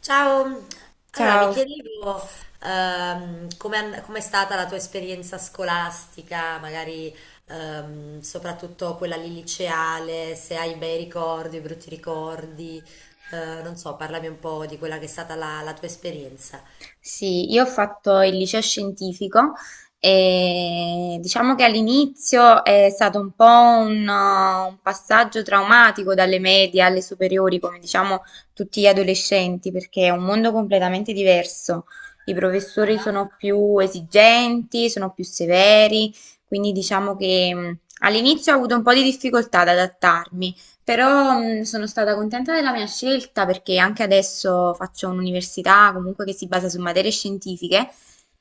Ciao, allora mi Ciao. chiedevo come com'è stata la tua esperienza scolastica, magari soprattutto quella lì liceale, se hai bei ricordi, brutti ricordi, non so, parlami un po' di quella che è stata la tua esperienza. Sì, io ho fatto il liceo scientifico e diciamo che all'inizio è stato un po' un passaggio traumatico dalle medie alle superiori, come diciamo tutti gli adolescenti, perché è un mondo completamente diverso. I professori Ah, sono più esigenti, sono più severi, quindi diciamo che all'inizio ho avuto un po' di difficoltà ad adattarmi. Però sono stata contenta della mia scelta perché anche adesso faccio un'università comunque che si basa su materie scientifiche,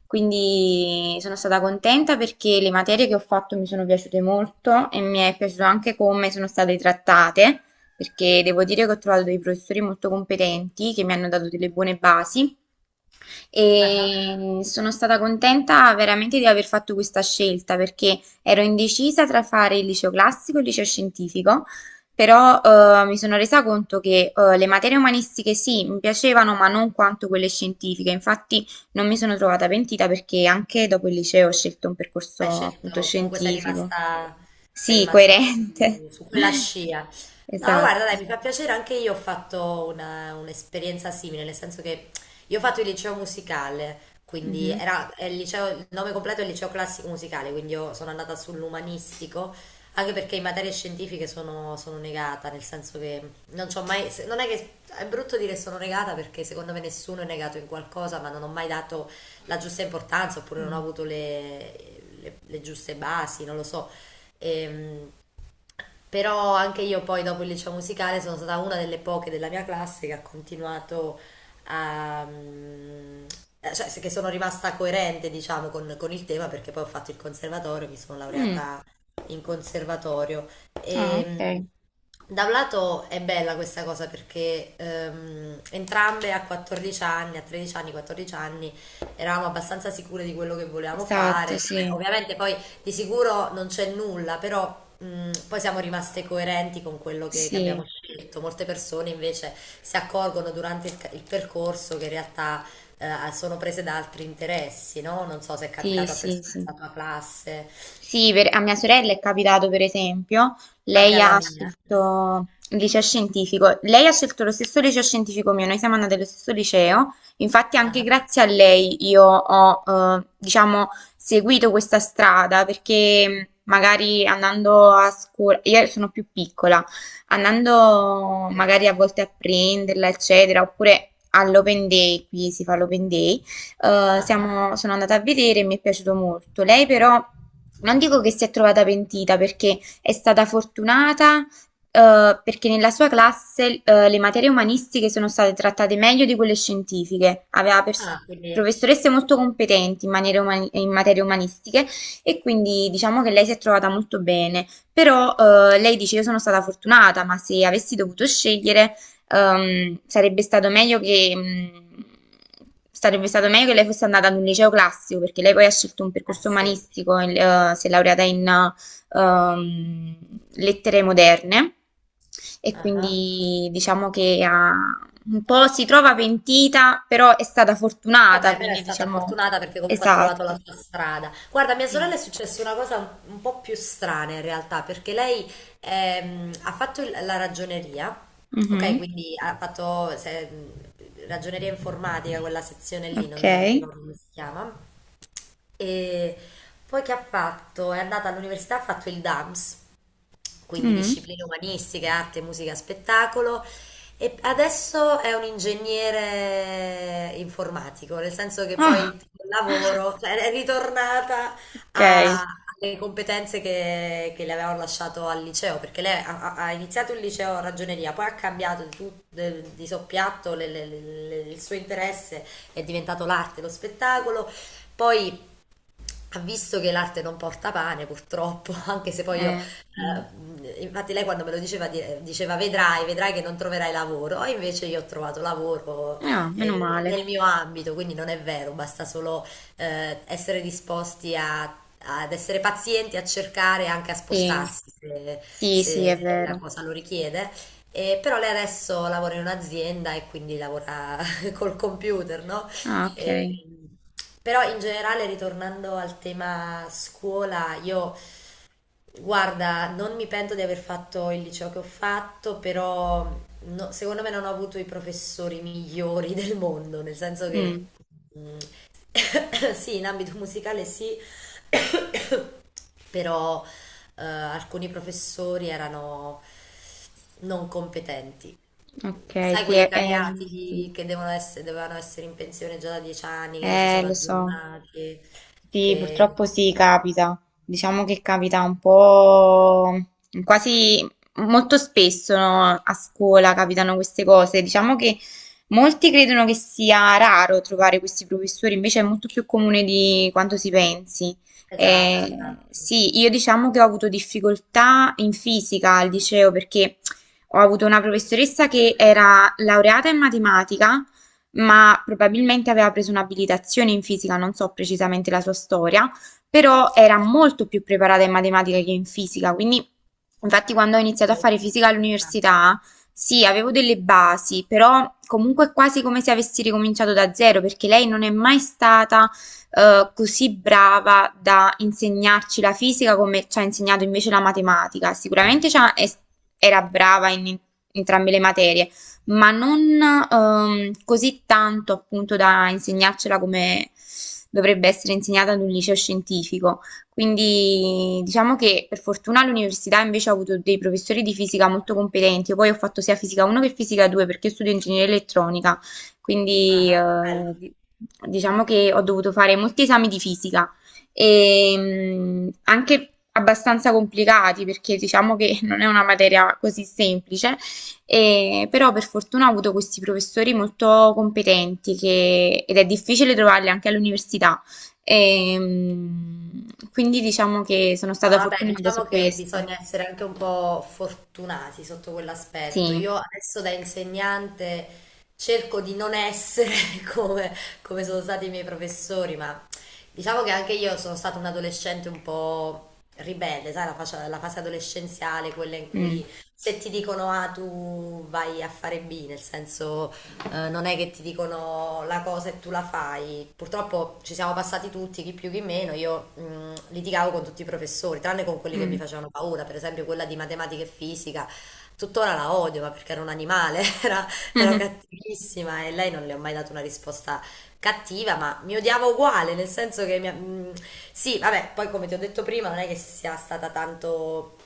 quindi sono stata contenta perché le materie che ho fatto mi sono piaciute molto e mi è piaciuto anche come sono state trattate, perché devo dire che ho trovato dei professori molto competenti che mi hanno dato delle buone basi ah. e sono stata contenta veramente di aver fatto questa scelta perché ero indecisa tra fare il liceo classico e il liceo scientifico, però mi sono resa conto che le materie umanistiche sì, mi piacevano, ma non quanto quelle scientifiche. Infatti non mi sono trovata pentita perché anche dopo il liceo ho scelto un Hai percorso appunto scelto, comunque sei scientifico. rimasta, sei Sì, rimasta coerente. su, su quella scia. No, Esatto. guarda, dai, mi fa piacere, anche io ho fatto un'esperienza simile, nel senso che io ho fatto il liceo musicale, quindi Mhm. era è il liceo, il nome completo è il liceo classico musicale, quindi io sono andata sull'umanistico, anche perché in materie scientifiche sono negata, nel senso che non c'ho mai, non è che è brutto dire sono negata perché secondo me nessuno è negato in qualcosa, ma non ho mai dato la giusta importanza oppure non ho Mm. avuto le giuste basi, non lo so. Ehm, Però anche io poi dopo il liceo musicale sono stata una delle poche della mia classe che ha continuato a... che sono rimasta coerente, diciamo, con il tema perché poi ho fatto il conservatorio, mi sono Mm. laureata in conservatorio. Ah, E, mm, ok. Da un lato è bella questa cosa perché entrambe a 14 anni, a 13 anni, 14 anni eravamo abbastanza sicure di quello che volevamo fare. Esatto, Vabbè, sì. ovviamente poi di sicuro non c'è nulla, però poi siamo rimaste coerenti con quello che abbiamo Sì. scelto. Molte persone invece si accorgono durante il percorso che in realtà sono prese da altri interessi, no? Non so se è Sì, capitato a sì, persone sì. della tua classe, A mia sorella è capitato per esempio, anche lei alla ha mia. scelto il liceo scientifico, lei ha scelto lo stesso liceo scientifico mio, noi siamo andate allo stesso liceo, infatti anche Ah, grazie a lei io ho, diciamo, seguito questa strada perché magari andando a scuola, io sono più piccola, andando forse. magari a volte a prenderla, eccetera, oppure all'open day, qui si fa l'open day. eh, Ah, siamo- sono andata a vedere e mi è piaciuto molto. Lei però non dico che si è trovata pentita perché è stata fortunata, perché nella sua classe, le materie umanistiche sono state trattate meglio di quelle scientifiche. Aveva ah, quindi, eh professoresse molto competenti in materie umanistiche e quindi diciamo che lei si è trovata molto bene. Però lei dice io sono stata fortunata, ma se avessi dovuto scegliere, sarebbe stato meglio che lei fosse andata ad un liceo classico, perché lei poi ha scelto un percorso sì. umanistico, si è laureata in ehm, lettere moderne e Ah. quindi diciamo che un po' si trova pentita, però è stata fortunata, Vabbè, però è quindi stata diciamo. fortunata perché comunque ha trovato la Esatto. sua strada. Guarda, a mia sorella Sì. è successa una cosa un po' più strana in realtà, perché lei la ragioneria, ok? Mhm. Quindi ha fatto se- ragioneria informatica, quella sezione lì, Ok. Non ricordo come si chiama. E poi che ha fatto? È andata all'università, ha fatto il DAMS, quindi Mm. discipline umanistiche, arte, musica, spettacolo. E adesso è un ingegnere informatico, nel senso che poi Ah, col lavoro, cioè, è ritornata ok. Alle competenze che le avevano lasciato al liceo, perché lei ha iniziato il liceo a ragioneria, poi ha cambiato di soppiatto il suo interesse, è diventato l'arte, lo spettacolo, poi visto che l'arte non porta pane, purtroppo, anche se poi io, Eh, mm. Infatti lei quando me lo diceva, diceva vedrai, vedrai che non troverai lavoro, e invece io ho trovato lavoro Ah, meno male. nel mio ambito, quindi non è vero, basta solo eh, essere disposti a- ad essere pazienti, a cercare e anche a Sì, spostarsi se, sì, sì, è se la vero. cosa lo richiede. E però lei adesso lavora in un'azienda e quindi lavora col computer, no? Ah, ok. Eh, però in generale, ritornando al tema scuola, io guarda, non mi pento di aver fatto il liceo che ho fatto, però secondo me non ho avuto i professori migliori del mondo, nel senso che Mm, mm, sì, in ambito musicale sì, però alcuni professori erano non competenti. ok, Sai sì, quelle sì. cariatidi che dovevano essere in pensione già da 10 anni, che non si sono Lo so. aggiornati, Sì, che... purtroppo sì, capita. Diciamo che capita un po' quasi molto spesso, no? A scuola capitano queste cose. Diciamo che molti credono che sia raro trovare questi professori, invece è molto più comune di quanto si pensi. Esatto, esatto. Sì, io diciamo che ho avuto difficoltà in fisica al liceo perché ho avuto una Io- professoressa che era laureata in matematica ma probabilmente aveva preso un'abilitazione in fisica, non so precisamente la sua storia, però era molto più preparata in matematica che in fisica, quindi infatti quando ho iniziato a fare fisica all'università, sì, avevo delle basi, però comunque è quasi come se avessi ricominciato da zero, perché lei non è mai stata così brava da insegnarci la fisica come ci ha insegnato invece la matematica. Sicuramente era brava in entrambe le materie, ma non così tanto appunto da insegnarcela come dovrebbe essere insegnata ad un liceo scientifico. Quindi diciamo che per fortuna all'università invece ho avuto dei professori di fisica molto competenti. Io poi ho fatto sia fisica 1 che fisica 2 perché io studio ingegneria elettronica, quindi Ah, bello. Diciamo che ho dovuto fare molti esami di fisica e anche abbastanza complicati perché diciamo che non è una materia così semplice però per fortuna ho avuto questi professori molto competenti ed è difficile trovarli anche all'università. Ehm, quindi diciamo che sono No, stata vabbè, fortunata su diciamo che questo. bisogna essere anche un po' fortunati sotto quell'aspetto. Sì. Io adesso da insegnante cerco di non essere come, come sono stati i miei professori, ma diciamo che anche io sono stata un adolescente un po' ribelle, sai, la fase adolescenziale, quella in cui Mm, se ti dicono A tu vai a fare B, nel senso non è che ti dicono la cosa e tu la fai. Purtroppo ci siamo passati tutti, chi più chi meno. Io litigavo con tutti i professori, tranne con quelli che mi mm. facevano paura, per esempio quella di matematica e fisica. Tuttora la odio, ma perché era un animale, era, era cattivissima e lei non le ho mai dato una risposta cattiva, ma mi odiava uguale, nel senso che sì, vabbè, poi come ti ho detto prima, non è che sia stata tanto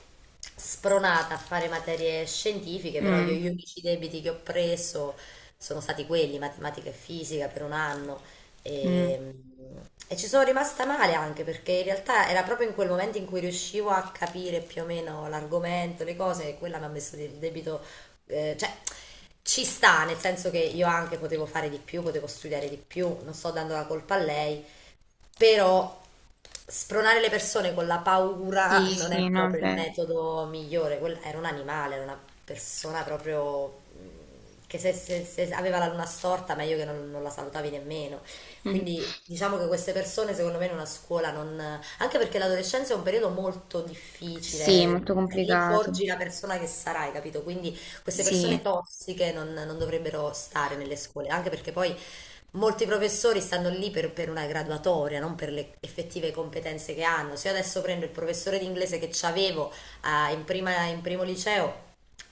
spronata a fare materie scientifiche, però io Mm, gli unici debiti che ho preso sono stati quelli, matematica e fisica per un anno. mm. E, e ci sono rimasta male anche perché in realtà era proprio in quel momento in cui riuscivo a capire più o meno l'argomento, le cose, e quella mi ha messo il debito, eh, cioè ci sta, nel senso che io anche potevo fare di più, potevo studiare di più, non sto dando la colpa a lei, però spronare le persone con la paura Sì, non sì, è no, è proprio il vero. metodo migliore. Era un animale, era una persona proprio che se aveva la luna storta, meglio che non la salutavi nemmeno. Quindi diciamo che queste persone, secondo me, in una scuola non... Anche perché l'adolescenza è un periodo molto Sì, difficile, molto lì complicato. forgi la persona che sarai, capito? Quindi queste Sì. persone tossiche non dovrebbero stare nelle scuole, anche perché poi molti professori stanno lì per una graduatoria, non per le effettive competenze che hanno. Se io adesso prendo il professore di inglese che avevo in primo liceo,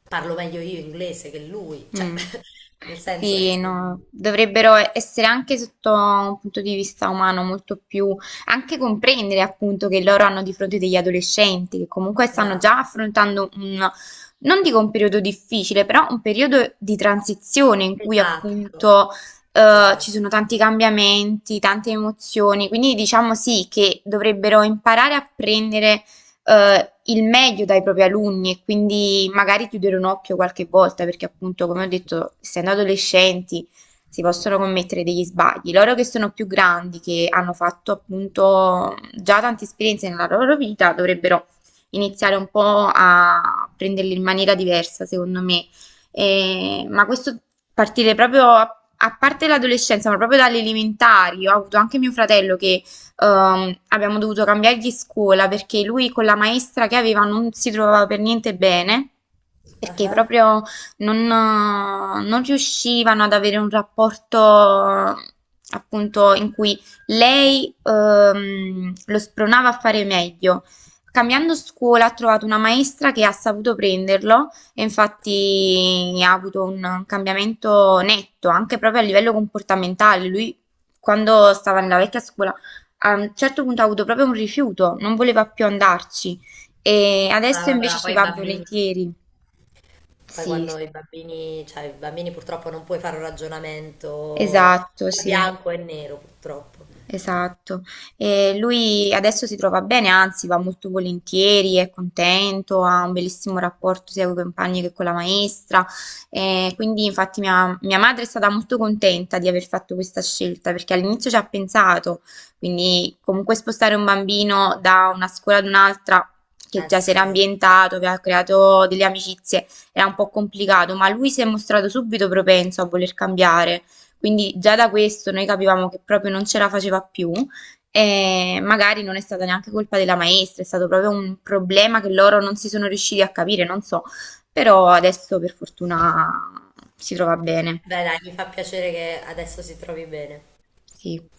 parlo meglio io inglese che lui. Cioè, Mm. nel senso, Sì, no, dovrebbero essere anche sotto un punto di vista umano molto più, anche comprendere appunto che loro hanno di fronte degli adolescenti che comunque stanno già esatto, affrontando non dico un periodo difficile, però un periodo di transizione in cui esatto, appunto ci esatto. sono tanti cambiamenti, tante emozioni, quindi diciamo sì che dovrebbero imparare a prendere il meglio dai propri alunni e quindi magari chiudere un occhio qualche volta perché appunto, come ho detto, essendo adolescenti si possono commettere degli sbagli. Loro che sono più grandi, che hanno fatto appunto già tante esperienze nella loro vita, dovrebbero iniziare un po' a prenderli in maniera diversa, secondo me. Ma questo partire proprio a parte l'adolescenza, ma proprio dalle elementari. Ho avuto anche mio fratello che abbiamo dovuto cambiargli scuola perché lui con la maestra che aveva non si trovava per niente bene, perché Ah, proprio non riuscivano ad avere un rapporto appunto in cui lei lo spronava a fare meglio. Cambiando scuola ha trovato una maestra che ha saputo prenderlo e infatti ha avuto un cambiamento netto anche proprio a livello comportamentale. Lui quando stava nella vecchia scuola a un certo punto ha avuto proprio un rifiuto, non voleva più andarci e ah, adesso vabbè, invece ma ci poi i va bambini, volentieri. poi Sì, quando sì. i bambini, cioè i bambini purtroppo non puoi fare un ragionamento Esatto, sì. bianco e nero, purtroppo. Esatto. E lui adesso si trova bene, anzi va molto volentieri, è contento, ha un bellissimo rapporto sia con i compagni che con la maestra. E quindi infatti mia, mia madre è stata molto contenta di aver fatto questa scelta perché all'inizio ci ha pensato, quindi comunque spostare un bambino da una scuola ad un'altra che Eh già si era sì. ambientato, aveva creato delle amicizie, era un po' complicato, ma lui si è mostrato subito propenso a voler cambiare. Quindi già da questo noi capivamo che proprio non ce la faceva più e magari non è stata neanche colpa della maestra, è stato proprio un problema che loro non si sono riusciti a capire, non so, però adesso per fortuna si trova bene. Beh, dai, mi fa piacere che adesso si trovi bene. Sì.